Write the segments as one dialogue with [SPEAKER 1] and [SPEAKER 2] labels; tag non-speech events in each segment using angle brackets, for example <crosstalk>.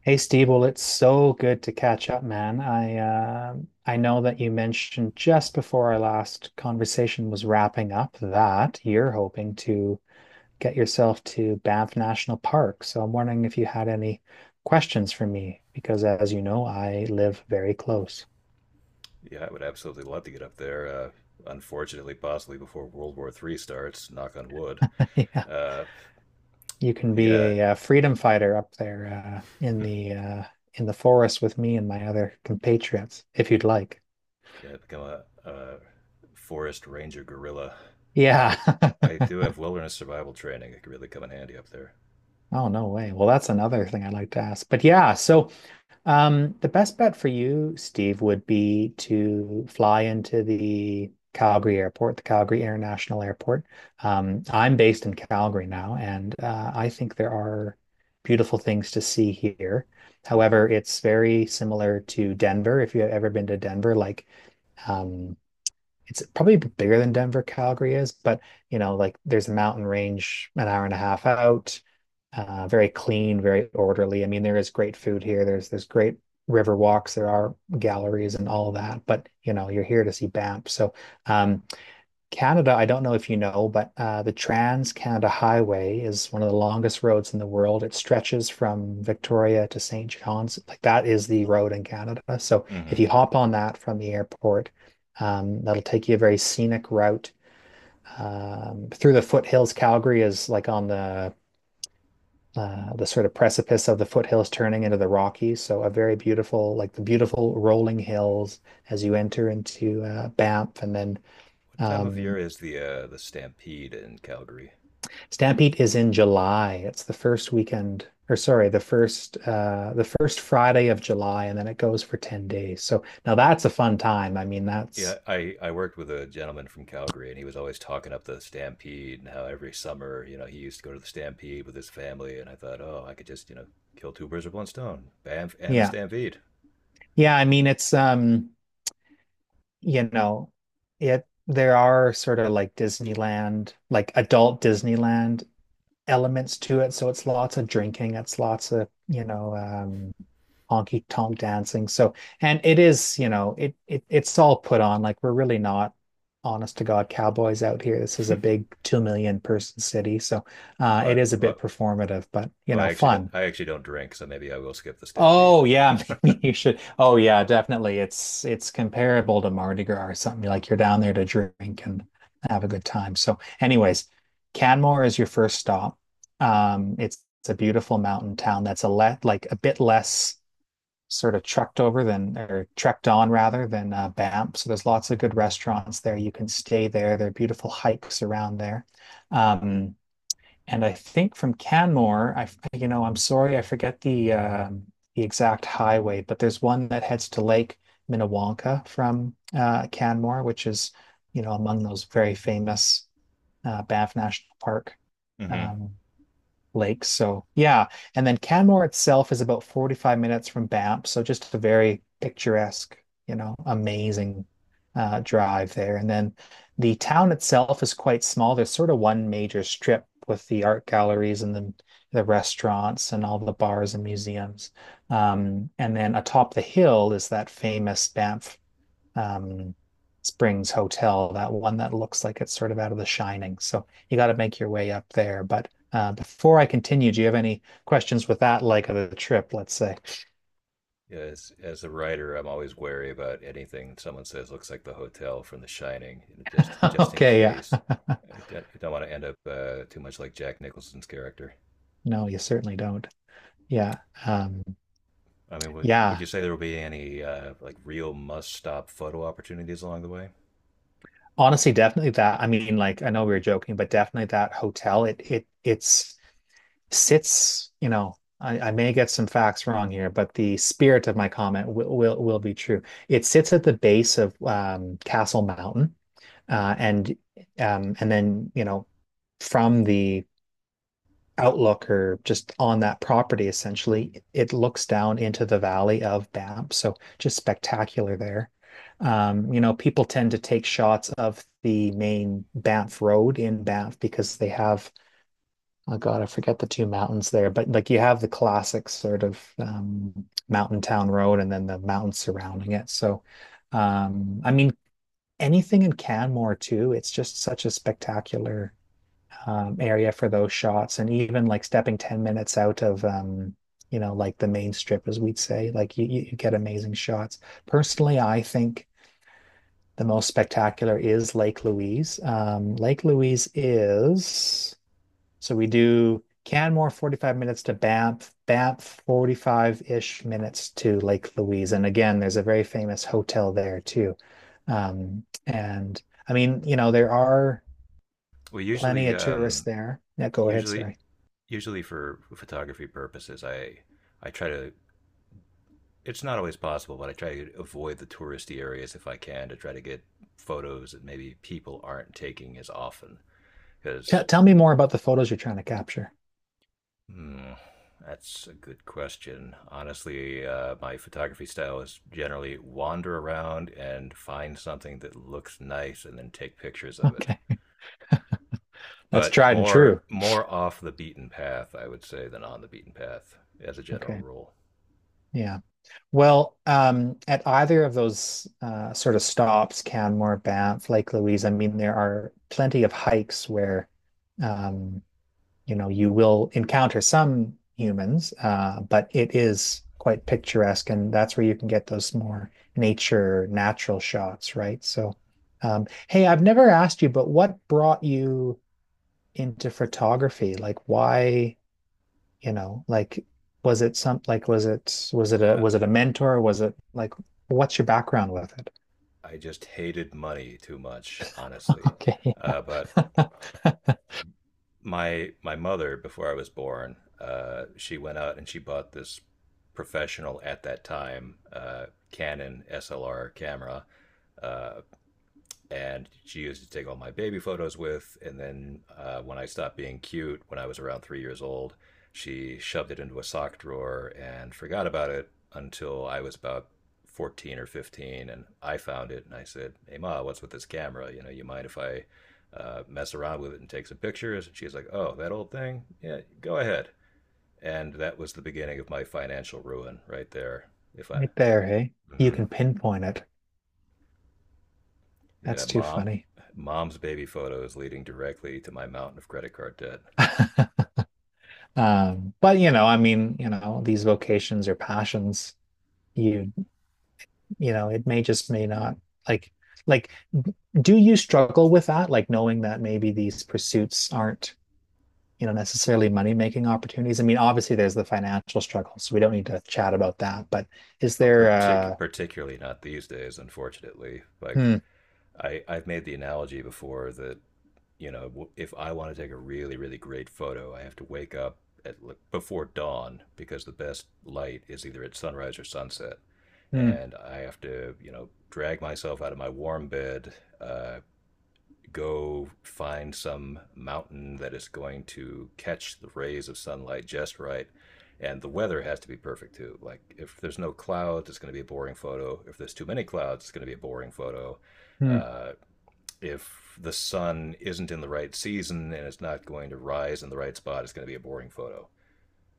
[SPEAKER 1] Hey Steve, well, it's so good to catch up, man. I know that you mentioned just before our last conversation was wrapping up that you're hoping to get yourself to Banff National Park. So I'm wondering if you had any questions for me, because as you know, I live very close.
[SPEAKER 2] Yeah, I would absolutely love to get up there. Unfortunately, possibly before World War III starts. Knock on wood.
[SPEAKER 1] <laughs> Yeah,
[SPEAKER 2] Uh,
[SPEAKER 1] you can be
[SPEAKER 2] yeah,
[SPEAKER 1] a freedom fighter up there in the in the forest with me and my other compatriots if you'd like.
[SPEAKER 2] yeah, become a forest ranger gorilla.
[SPEAKER 1] Yeah.
[SPEAKER 2] I
[SPEAKER 1] <laughs>
[SPEAKER 2] I do have wilderness survival training. It could really come in handy up there.
[SPEAKER 1] Oh, no way. Well, that's another thing I'd like to ask. But the best bet for you, Steve, would be to fly into the Calgary Airport, the Calgary International Airport. I'm based in Calgary now, and I think there are beautiful things to see here.
[SPEAKER 2] Mm-hmm.
[SPEAKER 1] However, it's very similar to Denver. If you have ever been to Denver, um, it's probably bigger than Denver, Calgary is, but you know, like there's a mountain range an hour and a half out. Very clean, very orderly. I mean, there is great food here. There's great river walks. There are galleries and all of that. But you know, you're here to see Banff. Um, Canada, I don't know if you know, but the Trans-Canada Highway is one of the longest roads in the world. It stretches from Victoria to St. John's. Like that is the road in Canada. So
[SPEAKER 2] Mm-hmm.
[SPEAKER 1] if you hop on that from the airport, that'll take you a very scenic route through the foothills. Calgary is like on the sort of precipice of the foothills turning into the Rockies. So a very beautiful, like the beautiful rolling hills as you enter into Banff and then.
[SPEAKER 2] What time of
[SPEAKER 1] Um,
[SPEAKER 2] year is the stampede in Calgary?
[SPEAKER 1] Stampede is in July. It's the first weekend, or sorry, the first Friday of July, and then it goes for 10 days. So now that's a fun time. I mean,
[SPEAKER 2] Yeah,
[SPEAKER 1] that's
[SPEAKER 2] I worked with a gentleman from Calgary, and he was always talking up the Stampede and how every summer, he used to go to the Stampede with his family. And I thought, oh, I could just, kill two birds with one stone, Banff and the
[SPEAKER 1] yeah.
[SPEAKER 2] Stampede.
[SPEAKER 1] Yeah, I mean it's you know, it there are sort of like Disneyland, like adult Disneyland elements to it. So it's lots of drinking, it's lots of, honky tonk dancing. So, and it is, you know, it it's all put on. Like we're really not honest to God cowboys out here. This is a big 2 million person city. So it
[SPEAKER 2] What?
[SPEAKER 1] is a bit
[SPEAKER 2] What?
[SPEAKER 1] performative, but you
[SPEAKER 2] Well,
[SPEAKER 1] know, fun.
[SPEAKER 2] I actually don't drink, so maybe I will skip the Stampede
[SPEAKER 1] Oh yeah, <laughs> maybe you should. Oh yeah, definitely. It's comparable to Mardi Gras or something. Like you're down there to drink and have a good time. So, anyways, Canmore is your first stop. It's a beautiful mountain town that's a let like a bit less sort of trucked over than or trekked on rather than Banff. So there's lots of good restaurants there. You can stay there. There are beautiful hikes around there. Um, and I think from Canmore, I'm sorry, I forget the exact highway, but there's one that heads to Lake Minnewanka from Canmore, which is, you know, among those very famous Banff National Park.
[SPEAKER 2] then.
[SPEAKER 1] Um, lakes. So yeah, and then Canmore itself is about 45 minutes from Banff, so just a very picturesque, you know, amazing drive there. And then the town itself is quite small. There's sort of one major strip with the art galleries and the restaurants and all the bars and museums. And then atop the hill is that famous Banff um, Springs Hotel, that one that looks like it's sort of out of The Shining. So you got to make your way up there. But before I continue, do you have any questions with that leg of the trip, let's say?
[SPEAKER 2] Yeah, as a writer, I'm always wary about anything someone says looks like the hotel from The Shining, you know,
[SPEAKER 1] <laughs>
[SPEAKER 2] just in
[SPEAKER 1] Okay, yeah.
[SPEAKER 2] case. I don't, You don't want to end up too much like Jack Nicholson's character.
[SPEAKER 1] No, you certainly don't. Yeah. Um,
[SPEAKER 2] I mean, would
[SPEAKER 1] yeah.
[SPEAKER 2] you say there will be any like real must stop photo opportunities along the way?
[SPEAKER 1] Honestly, definitely that. I mean, like I know we were joking, but definitely that hotel, it it's sits, you know, I may get some facts wrong here, but the spirit of my comment will be true. It sits at the base of Castle Mountain, uh,
[SPEAKER 2] Mm-hmm.
[SPEAKER 1] and and then you know, from the outlook or just on that property, essentially, it looks down into the valley of Banff. So just spectacular there. You know, people tend to take shots of the main Banff Road in Banff because they have Oh God, I forget the two mountains there, but like you have the classic sort of mountain town road and then the mountains surrounding it. So, um, I mean, anything in Canmore too, it's just such a spectacular area for those shots. And even like stepping 10 minutes out of, you know, like the main strip, as we'd say, like you get amazing shots. Personally, I think the most spectacular is Lake Louise. Lake Louise is. So we do Canmore 45 minutes to Banff, Banff 45-ish minutes to Lake Louise. And again, there's a very famous hotel there too. And I mean, you know, there are
[SPEAKER 2] Well,
[SPEAKER 1] plenty of tourists there. Yeah, go ahead.
[SPEAKER 2] usually,
[SPEAKER 1] Sorry.
[SPEAKER 2] usually for photography purposes, I try to. It's not always possible, but I try to avoid the touristy areas if I can to try to get photos that maybe people aren't taking as often. Because
[SPEAKER 1] Tell me more about the photos you're trying to capture. <laughs>
[SPEAKER 2] Hmm, that's a good question. Honestly, my photography style is generally wander around and find something that looks nice and then take pictures of it.
[SPEAKER 1] Okay. That's
[SPEAKER 2] But
[SPEAKER 1] tried and true.
[SPEAKER 2] more off the beaten path, I would say, than on the beaten path as a general
[SPEAKER 1] Okay.
[SPEAKER 2] rule.
[SPEAKER 1] Yeah. Well, at either of those sort of stops, Canmore, Banff, Lake Louise, I mean, there are plenty of hikes where um, you know, you will encounter some humans, but it is quite picturesque, and that's where you can get those more nature, natural shots, right? So, hey, I've never asked you, but what brought you into photography? Like, why, you know, like, was it some, like,
[SPEAKER 2] I,
[SPEAKER 1] was it a mentor? Was it like, what's your background with it?
[SPEAKER 2] I just hated money too much, honestly.
[SPEAKER 1] Okay.
[SPEAKER 2] But
[SPEAKER 1] <laughs>
[SPEAKER 2] my mother before I was born, she went out and she bought this professional at that time Canon SLR camera, uh, and she used to take all my baby photos with. And then when I stopped being cute, when I was around 3 years old, she shoved it into a sock drawer and forgot about it until I was about 14 or 15. And I found it and I said, hey, Ma, what's with this camera? You know, you mind if I mess around with it and take some pictures? And she's like, oh, that old thing? Yeah, go ahead. And that was the beginning of my financial ruin right there. If I.
[SPEAKER 1] Right there, hey. You
[SPEAKER 2] Mm-hmm.
[SPEAKER 1] can pinpoint it.
[SPEAKER 2] Yeah,
[SPEAKER 1] That's too funny.
[SPEAKER 2] mom's baby photos leading directly to my mountain of credit card debt.
[SPEAKER 1] <laughs> But you know, I mean, you know, these vocations or passions, you you know, it may just may not like like do you struggle with that? Like knowing that maybe these pursuits aren't, you know, necessarily money-making opportunities. I mean, obviously there's the financial struggle, so we don't need to chat about that. But is
[SPEAKER 2] Oh,
[SPEAKER 1] there uh
[SPEAKER 2] particularly not these days, unfortunately. Like
[SPEAKER 1] hmm,
[SPEAKER 2] I've made the analogy before that if I want to take a really, really great photo, I have to wake up before dawn because the best light is either at sunrise or sunset,
[SPEAKER 1] hmm,
[SPEAKER 2] and I have to drag myself out of my warm bed, uh, go find some mountain that is going to catch the rays of sunlight just right. And the weather has to be perfect too. Like if there's no clouds, it's going to be a boring photo. If there's too many clouds, it's going to be a boring photo.
[SPEAKER 1] hmm,
[SPEAKER 2] Uh, if the sun isn't in the right season and it's not going to rise in the right spot, it's going to be a boring photo.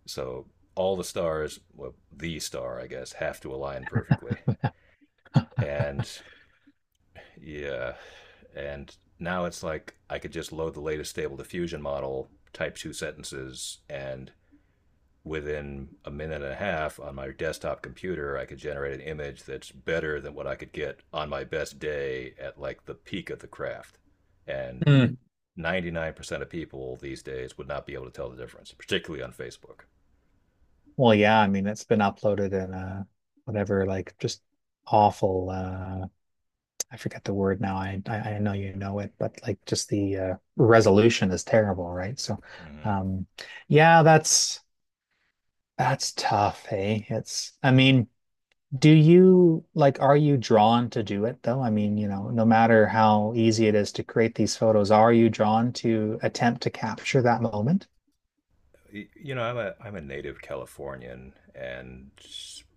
[SPEAKER 2] So all the stars, well, the star, I guess, have to align perfectly. And yeah. And now it's like I could just load the latest stable diffusion model, type two sentences, and within a minute and a half on my desktop computer, I could generate an image that's better than what I could get on my best day at like the peak of the craft. And
[SPEAKER 1] hmm.
[SPEAKER 2] 99% of people these days would not be able to tell the difference, particularly on Facebook.
[SPEAKER 1] Well, yeah, I mean, it's been uploaded in whatever, like just awful I forget the word now. I know you know it, but like just the resolution is terrible, right? So,
[SPEAKER 2] Mm-hmm.
[SPEAKER 1] um, yeah, that's tough. Hey, it's I mean. Do you like, are you drawn to do it though? I mean, you know, no matter how easy it is to create these photos, are you drawn to attempt to capture that moment?
[SPEAKER 2] You know, I'm a native Californian, and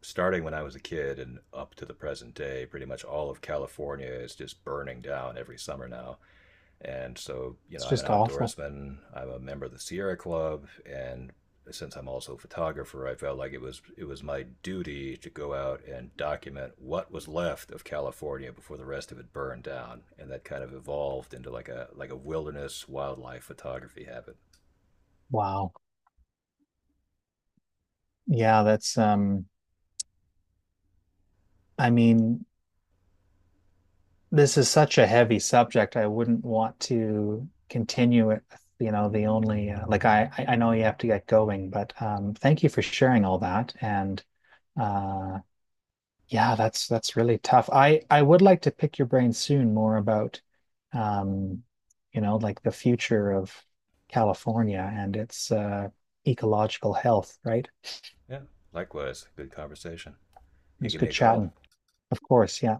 [SPEAKER 2] starting when I was a kid and up to the present day, pretty much all of California is just burning down every summer now. And so, you
[SPEAKER 1] It's
[SPEAKER 2] know, I'm an
[SPEAKER 1] just awful.
[SPEAKER 2] outdoorsman. I'm a member of the Sierra Club, and since I'm also a photographer, I felt like it was my duty to go out and document what was left of California before the rest of it burned down. And that kind of evolved into like a wilderness wildlife photography habit.
[SPEAKER 1] Wow. Yeah, that's I mean, this is such a heavy subject. I wouldn't want to continue it. You know, the only like I know you have to get going, but thank you for sharing all that. And uh, yeah, that's really tough. I would like to pick your brain soon more about, um, you know, like the future of California and its ecological health. Right?
[SPEAKER 2] Yeah, likewise. Good conversation.
[SPEAKER 1] It
[SPEAKER 2] You
[SPEAKER 1] was
[SPEAKER 2] give me
[SPEAKER 1] good
[SPEAKER 2] a
[SPEAKER 1] chatting.
[SPEAKER 2] call.
[SPEAKER 1] Of course, yeah.